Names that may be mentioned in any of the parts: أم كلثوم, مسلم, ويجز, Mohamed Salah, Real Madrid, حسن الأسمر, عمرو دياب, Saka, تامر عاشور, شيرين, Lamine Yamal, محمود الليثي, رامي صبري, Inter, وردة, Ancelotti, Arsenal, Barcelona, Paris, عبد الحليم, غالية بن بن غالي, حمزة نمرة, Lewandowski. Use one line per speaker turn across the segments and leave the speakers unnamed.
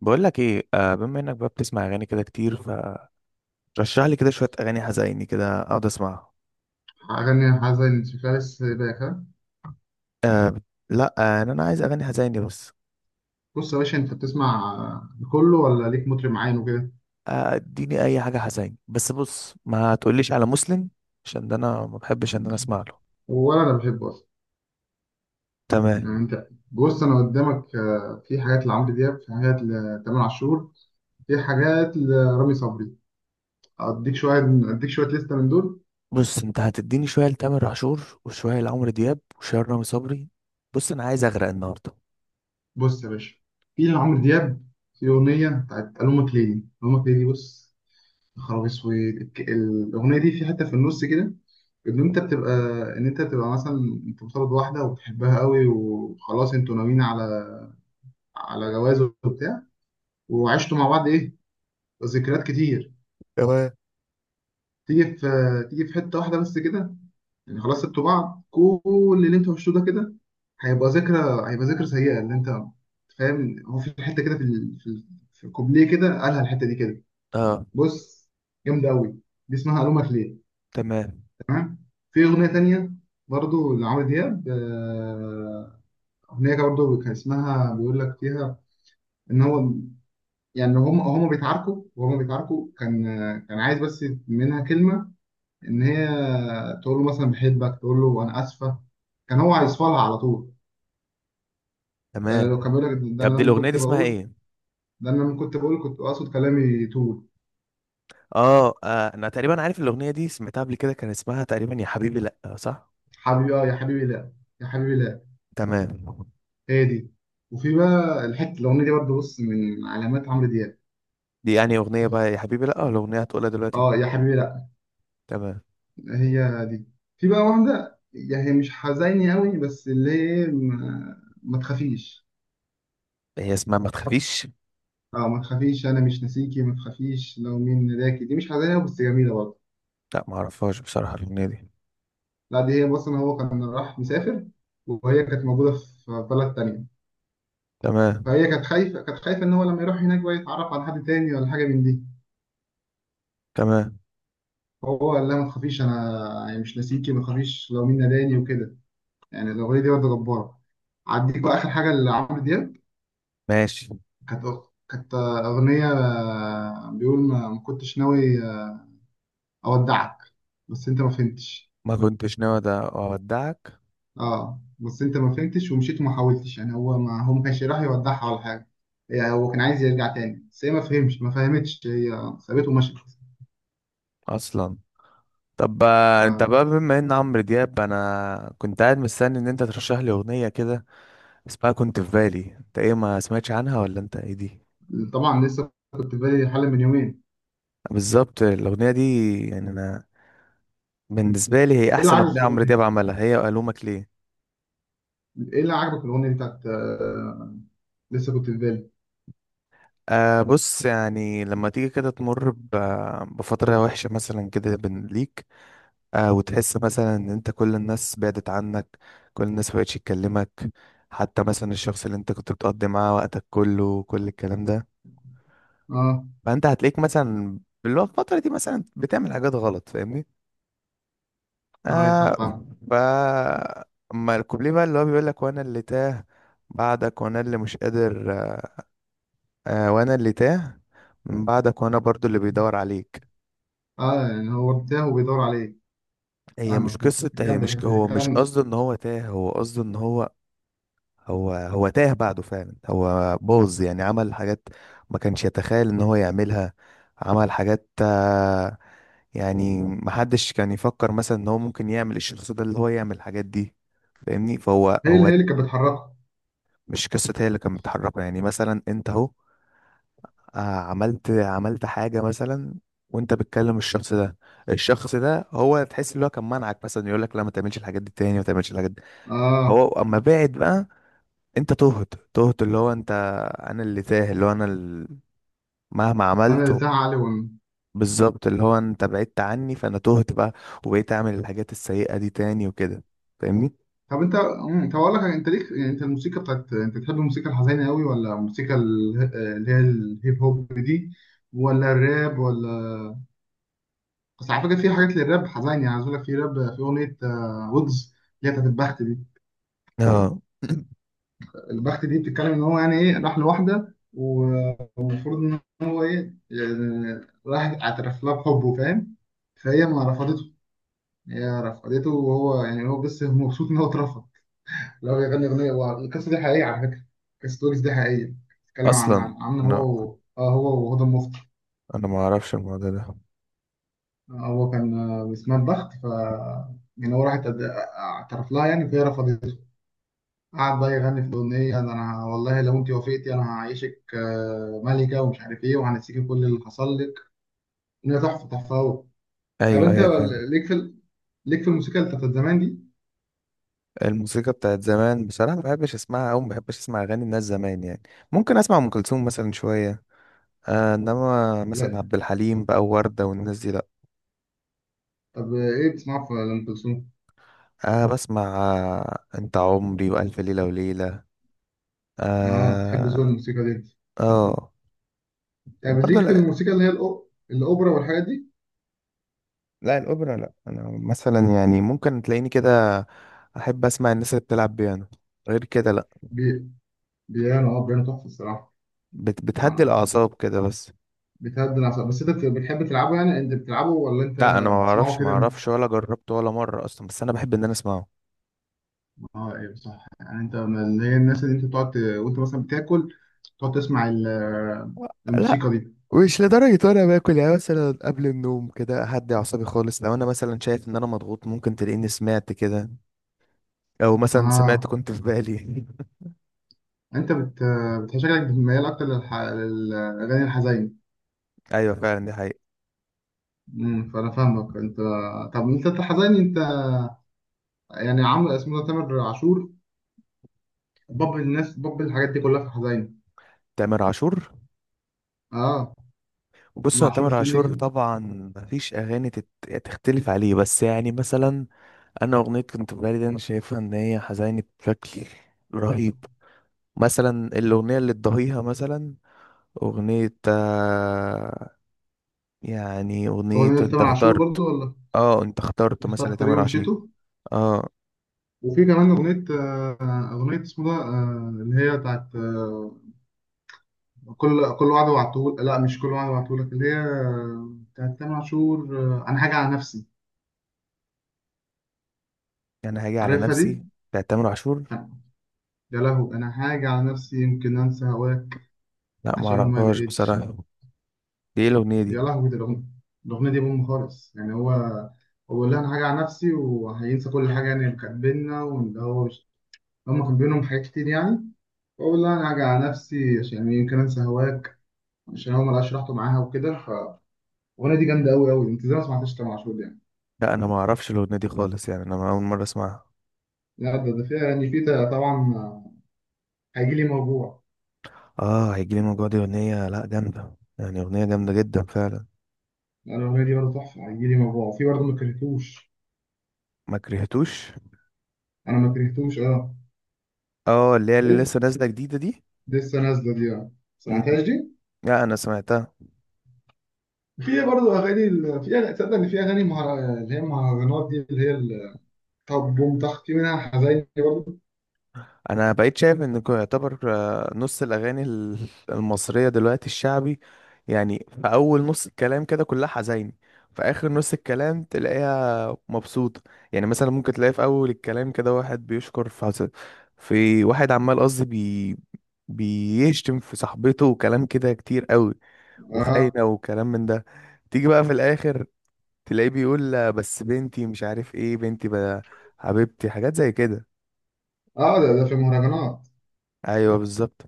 بقول لك ايه. آه، بما انك بقى بتسمع اغاني كده كتير، فرشح لي كده شويه اغاني حزيني كده اقعد اسمعها.
أغاني حزين شكلها لسه باك ها.
آه، لا. آه، انا عايز اغاني حزيني بس.
بص يا باشا، أنت بتسمع كله ولا ليك مطرب معين وكده؟
آه، اديني اي حاجه حزيني بس. بص، ما تقوليش على مسلم عشان ده انا ما بحبش ان انا اسمع له.
ولا أنا بحبه أصلا. يعني
تمام.
أنت بص أنا قدامك، في حاجات لعمرو دياب، في حاجات لتامر عاشور، في حاجات لرامي صبري. أديك شوية أديك شوية لستة من دول.
بص، انت هتديني شويه لتامر عاشور وشويه لعمرو دياب وشويه لرامي صبري. بص، انا عايز اغرق النهارده.
بص يا باشا، في لعمرو دياب في أغنية بتاعت ألومك ليه، ألومك ليه دي. بص، يا خرابي أسود. الأغنية دي في حتة في النص كده. ان انت بتبقى ان انت بتبقى مثلا انت بترضى واحده وبتحبها قوي، وخلاص انتوا ناويين على جواز وبتاع، وعشتوا مع بعض ايه، ذكريات كتير.
تمام.
تيجي في حته واحده بس كده. يعني خلاص سبتوا بعض، كل اللي انتوا عشتوه ده كده هيبقى ذكرى هيبقى ذكرى سيئه اللي انت فاهم. هو في حته كده في الكوبليه كده، قالها الحته دي كده.
اه.
بص، جامده قوي. دي اسمها الومك ليه.
تمام.
تمام. في اغنيه تانيه برضو لعمرو دياب، أغنية برضه كان اسمها بيقول لك فيها إن هو، يعني هم بيتعاركوا وهم بيتعاركوا، كان عايز بس منها كلمة، إن هي تقول له مثلا بحبك، تقول له أنا آسفة، كان هو هيصفلها على طول. ده لو
تمام.
كان بيقول لك،
طب دي الاغنيه دي اسمها ايه؟
ده أنا لما كنت بقول كنت أقصد كلامي طول.
اه, آه، انا تقريبا عارف الاغنيه دي، سمعتها قبل كده. كان اسمها تقريبا يا حبيبي لا، صح؟
حبيبي آه يا حبيبي لا، يا حبيبي لا.
تمام.
هي دي. وفي بقى الحتة الأغنية دي برضه، بص، من علامات عمرو دياب.
دي يعني أغنية بقى يا حبيبي لأ ولا أغنية هتقولها دلوقتي؟
اه يا حبيبي.
تمام.
هي دي. في بقى واحدة، يعني هي مش حزيني قوي، بس اللي هي ما تخافيش.
هي اسمها ما تخافيش؟
اه، ما تخافيش انا مش ناسيكي، ما تخافيش لو مين ناداكي، دي مش حزينة قوي بس جميلة برضه.
لأ، معرفهاش بصراحة الأغنية دي.
لا، دي هي بص ان هو كان راح مسافر، وهي كانت موجودة في بلد تانية.
تمام.
فهي كانت خايفة ان هو لما يروح هناك بقى يتعرف على حد تاني ولا حاجة من دي.
تمام.
فهو قال لها ما تخافيش انا يعني مش ناسيكي، ما تخافيش لو مين ناداني وكده. يعني الاغنية دي برضه جبارة. عديك بقى اخر حاجة لعمرو دياب.
ماشي.
كانت أغنية بيقول ما كنتش ناوي أودعك بس أنت ما فهمتش.
ما كنتش ناوي أودعك.
أه بس أنت ما فهمتش ومشيت وما حاولتش، يعني هو ما كانش راح يودعها ولا حاجة. يعني هو كان عايز يرجع تاني بس هي ما فهمتش، هي سابته ومشت.
أصلا. طب بقى انت بقى، بما ان عمرو دياب، انا كنت قاعد مستني ان انت ترشح لي اغنيه كده اسمها كنت في بالي. انت ايه ما سمعتش عنها ولا انت ايه دي؟
فطبعا لسه كنت في بالي حل من يومين.
بالظبط الاغنيه دي. يعني انا، بالنسبه لي هي
إيه اللي
احسن
عجبك
اغنيه
في
عمرو دياب
الأغنية
عملها، هي وألومك ليه.
دي؟ إيه اللي عجبك في الأغنية دي بتاعت، لسه كنت في بالي؟
آه، بص، يعني لما تيجي كده تمر بفترة وحشة مثلا كده بين ليك. آه، وتحس مثلا ان انت كل الناس بعدت عنك، كل الناس مبقتش تكلمك، حتى مثلا الشخص اللي انت كنت بتقضي معاه وقتك كله وكل الكلام ده.
أه.
فانت هتلاقيك مثلا في الفترة دي مثلا بتعمل حاجات غلط، فاهمني.
أه يا
آه.
صح فاهم.
ف اما الكوبليه بقى اللي هو بيقول لك وانا اللي تاه بعدك، وانا اللي مش قادر آه. آه، وانا اللي تاه من بعدك، وانا برضو اللي بيدور عليك.
أه يعني هو ارتاح وبيدور عليه.
هي مش
فاهمك.
قصة، هي
جامدة
مش،
الحتة دي
هو مش
كلام.
قصده ان هو تاه، هو قصده ان هو، هو تاه بعده فعلا. هو باظ يعني، عمل حاجات ما كانش يتخيل ان هو يعملها. عمل حاجات آه، يعني محدش كان يفكر مثلا ان هو ممكن يعمل الشخص ده اللي هو يعمل الحاجات دي، فاهمني. فهو هو
هي اللي كانت بتحركه.
مش قصة، هي اللي كانت بتحركه، يعني مثلا انت اهو، آه، عملت حاجة مثلا وانت بتكلم الشخص ده. الشخص ده هو تحس ان هو كان منعك مثلا، يقول لك لا، ما تعملش الحاجات دي تاني، ما تعملش الحاجات دي.
اه،
هو اما بعد بقى، انت تهت، تهت اللي هو انت، انا اللي تاه اللي هو انا مهما
انا
عملت.
قلتها علي ون.
بالظبط، اللي هو انت بعدت عني فانا تهت بقى، وبقيت اعمل الحاجات السيئة دي تاني وكده، فاهمني.
طب انت طب اقول لك، انت ليك يعني انت الموسيقى بتاعت، انت بتحب الموسيقى الحزينه قوي، ولا الموسيقى اللي هي الهيب هوب دي، ولا الراب ولا... بس على فكره في حاجات للراب حزينه، يعني عايز اقول لك، في راب، في اغنيه ويجز، اللي هي بتاعت البخت دي.
اه.
البخت دي بتتكلم ان هو، يعني ايه، راح لواحده والمفروض ان هو ايه يعني، راح اعترف لها بحبه فاهم. فهي ما رفضته. هي رفضته، وهو يعني هو بس مبسوط ان هو اترفض. اللي هو بيغني أغنية، هو القصة دي حقيقية على فكرة، قصة ويجز دي حقيقية. بتتكلم عن
اصلا،
عن عن
انا
هو. آه هو وهدى المفتي.
انا ما اعرفش الموضوع ده.
آه هو كان، اسمها البخت يعني هو راحت اعترف لها يعني، فهي رفضته. قعد بقى يغني في الأغنية ده، أنا والله لو أنت وافقتي أنا هعيشك ملكة ومش عارف إيه، وهنسيكي كل اللي حصل لك. أغنية تحفة، تحفة أوي. طب
ايوه،
أنت،
ايوه، فاهم.
ليك في ال- ليك في الموسيقى اللي بتاعت زمان دي؟
الموسيقى بتاعت زمان بصراحة ما بحبش اسمعها، او ما بحبش اسمع اغاني الناس زمان يعني. ممكن اسمع ام كلثوم مثلا شوية. آه، انما مثلا
لا.
عبد الحليم بقى ووردة والناس دي لا.
طب إيه بتسمعها في أم كلثوم؟
آه، بسمع. آه، انت عمري والف ليلة وليلة.
آه بتحب ذوق
اه.
الموسيقى دي.
آه.
يعني
وبرضه
بيزيك في
لا.
الموسيقى اللي هي الأوبرا والحاجات دي.
لا، الاوبرا لا. انا مثلا يعني ممكن تلاقيني كده احب اسمع الناس اللي بتلعب بيانو. غير كده لا.
بي... بيانو، اه، بيانو تحفة الصراحة.
بتهدي
آه،
الاعصاب كده بس.
بتهدي الأعصاب، بس أنت بتحب تلعبه، يعني أنت بتلعبه ولا أنت
لا، انا ما
بتسمعه
اعرفش،
كده
ولا جربته ولا مره اصلا، بس انا بحب ان انا اسمعه.
اه. ايه صح، يعني أنت من اللي هي الناس اللي أنت بتقعد وأنت مثلا بتاكل تقعد تسمع
لا،
الموسيقى دي.
مش لدرجة وانا باكل، يعني مثلا قبل النوم كده اهدي اعصابي خالص. لو انا مثلا شايف ان انا مضغوط ممكن تلاقيني سمعت كده، او مثلا سمعت
اه.
كنت في بالي.
أنت شكلك بتميل أكتر للأغاني الحزينة.
ايوه فعلا، دي حقيقة.
فأنا فاهمك أنت. طب أنت الحزين، أنت يعني عامل اسمه ده تامر عاشور، باب الناس، باب الحاجات دي كلها في الحزين.
تامر عاشور؟
اه.
بص،
ام
هو
عاشور
تامر
شيرين
عاشور
ليكلي.
طبعا مفيش اغاني تختلف عليه، بس يعني مثلا انا اغنيه كنت في بالي دي انا شايفها ان هي حزينه بشكل رهيب. مثلا الاغنيه اللي تضاهيها مثلا، اغنيه آه، يعني اغنيه
اغنيه
انت
لتامر عاشور برضو
اخترت.
ولا...
اه، انت اخترت
أنت
مثلا
اخترت طريق
لتامر عاشور.
ومشيته.
اه.
وفي كمان اغنيه، اغنيه اسمه ده، اللي هي بتاعت، كل وعد وعدتهولك، لا مش كل وعد وعدتهولك، اللي هي بتاعت تامر عاشور، انا حاجه على نفسي.
يعني هاجي على
عارفها
نفسي؟
دي؟
بتاعت تامر عاشور؟
يا لهو، انا حاجه على نفسي يمكن انسى هواك،
لا، ما
عشان ما
اعرفهاش
لقيتش.
بصراحه. دي ايه الاغنيه دي؟
يا لهو دي الاغنيه دي بوم خالص، يعني هو اللي انا حاجه على نفسي وهينسى كل حاجه، يعني اللي كانت بينا، وان هو مش... هما كان بينهم حاجات كتير يعني. بقول لها انا هاجي على نفسي عشان يمكن انسى هواك، عشان هو ملقاش راحته معاها وكده. فالاغنيه دي جامده قوي قوي. انت ازاي ما سمعتش تامر عاشور دي يعني؟
لا انا ما اعرفش الاغنيه دي خالص، يعني انا اول مره اسمعها.
لا ده فيها يعني في. طبعا هيجي لي موجوع.
اه، هيجيلي موجوع دي اغنية، لا جامدة يعني، اغنية جامدة جدا فعلا.
انا الاغنيه دي برضه تحفه، هيجي لي موجوع، وفي برضه ما كرهتوش.
ما كرهتوش.
انا ما كرهتوش اه.
اه، اللي هي
دي
اللي لسه نازلة جديدة دي.
دي لسه نازله دي اه.
مم،
سمعتهاش دي.
لا، انا سمعتها.
في برضه اغاني تصدق ان في اغاني اللي هي المهرجانات دي طب بوم طخ في منها حزيني برضه.
انا بقيت شايف ان يعتبر آه، نص الاغاني المصرية دلوقتي الشعبي، يعني في اول نص الكلام كده كلها حزين، في اخر نص الكلام تلاقيها مبسوطة. يعني مثلا ممكن تلاقي في اول الكلام كده واحد بيشكر في في واحد عمال، قصدي بيشتم في صاحبته وكلام كده كتير قوي،
اه.
وخاينة وكلام من ده. تيجي بقى في الآخر تلاقيه بيقول لا، بس بنتي، مش عارف ايه، بنتي بقى، حبيبتي، حاجات زي كده.
اه ده في المهرجانات.
ايوه بالظبط.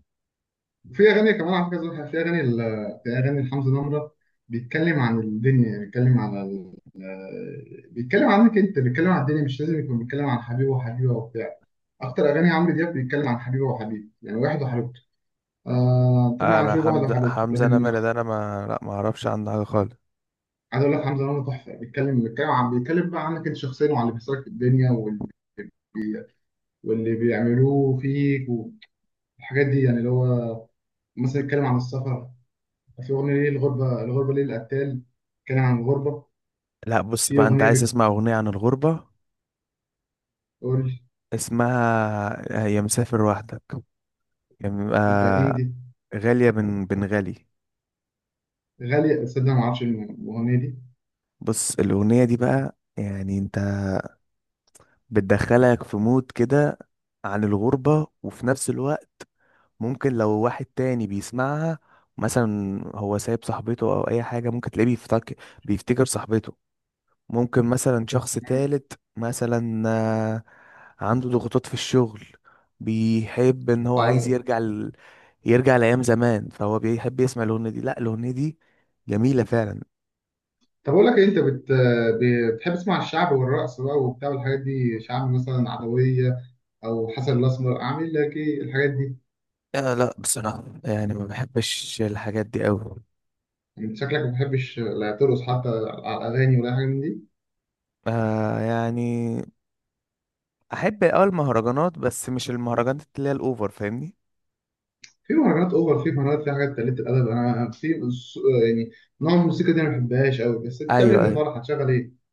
وفي اغاني كمان على فكره زوجها في اغاني لحمزة نمرة، بيتكلم عن الدنيا، بيتكلم على ال... آه، بيتكلم عنك انت، بيتكلم عن الدنيا، مش لازم يكون بيتكلم عن حبيبه وحبيبه وبتاع. اكتر اغاني عمرو دياب بيتكلم عن حبيبه وحبيب، يعني واحد وحبيبته. آه تامر
انا
عاشور واحد
حمزة
وحبيبته
حمزة
لكن...
نمرة ده، انا ما، لا، ما اعرفش عنه حاجة خالص.
عايز اقول لك حمزة نمرة تحفه، بيتكلم بقى عنك انت شخصيا، وعن اللي بيحصلك في الدنيا، واللي بيعملوه فيك والحاجات دي، يعني اللي هو مثلا يتكلم عن السفر. في أغنية، ليه الغربة، الغربة ليه القتال، بتتكلم عن الغربة.
لا، بص
في
بقى انت
أغنية
عايز تسمع اغنية عن الغربة،
بتقول دي،
اسمها يا مسافر وحدك. يا م-
بتاعت مين
آه،
دي؟
غالية بن غالي.
غالية. تصدق ما أعرفش الأغنية دي.
بص، الأغنية دي بقى يعني انت، بتدخلك في مود كده عن الغربة، وفي نفس الوقت ممكن لو واحد تاني بيسمعها مثلا هو سايب صاحبته او اي حاجة ممكن تلاقيه بيفتكر صاحبته. ممكن مثلا شخص
مم.
تالت مثلا آه، عنده ضغوطات في الشغل، بيحب ان هو عايز
أيوة.
يرجع ل... يرجع لايام زمان، فهو بيحب يسمع الاغنية دي. لا، الاغنية دي جميلة فعلا.
طب أقول لك إيه، أنت بتحب تسمع الشعب والرقص بقى وبتاع والحاجات دي، شعب مثلا عدوية أو حسن الأسمر، عامل لك إيه الحاجات دي؟
لا، لا، بصراحة يعني ما بحبش الحاجات دي قوي.
يعني أنت شكلك ما بتحبش لا ترقص حتى على الأغاني ولا حاجة من دي.
آه، يعني احب المهرجانات بس مش المهرجانات اللي هي الاوفر، فاهمني.
في مهرجانات أوفر، في مهرجانات فيها حاجات قلة الأدب، أنا في يعني نوع الموسيقى دي أنا ما بحبهاش أوي، بس أنت بتعمل إيه في
ايوه.
الفرح؟ هتشغل إيه؟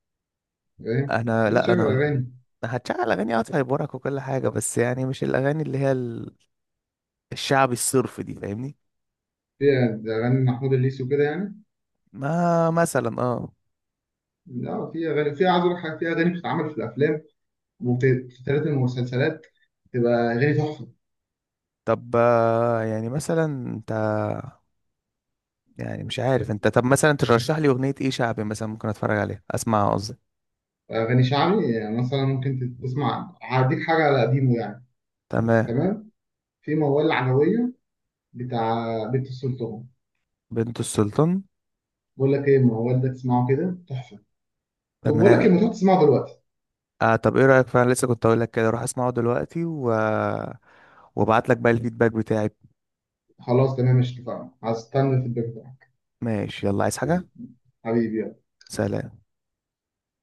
فاهم؟
انا
لازم
لا
تشغل
انا،
أغاني
أنا هتشغل اغاني اه هيبورك وكل حاجه، بس يعني مش الاغاني اللي هي الشعبي الصرف دي، فاهمني.
فيها ده، اغاني محمود الليثي وكده يعني.
ما مثلا اه.
لا، في عايز اقول لك حاجه، في اغاني بتتعمل في الافلام وبتتعرض المسلسلات، تبقى اغاني تحفه.
طب آه، يعني مثلا انت، يعني مش عارف انت، طب مثلا ترشح لي اغنيه ايه شعبي مثلا ممكن اتفرج عليها اسمعها قصدي.
اغاني شعبي يعني مثلا ممكن تسمع، هديك حاجه على قديمه يعني.
تمام.
تمام. في موال العدويه بتاع بنت السلطان.
بنت السلطان.
بقول لك ايه، الموال ده تسمعه كده تحفه. طب بقول لك ايه، ما
تمام.
تروح تسمعه دلوقتي.
آه طب ايه رايك، فعلا لسه كنت اقول لك كده، روح اسمعه دلوقتي و... وابعت لك بقى الفيدباك بتاعي.
خلاص تمام، مش اتفقنا، هستنى في البيت.
ماشي، يلا، عايز حاجه؟
حبيبي.
سلام.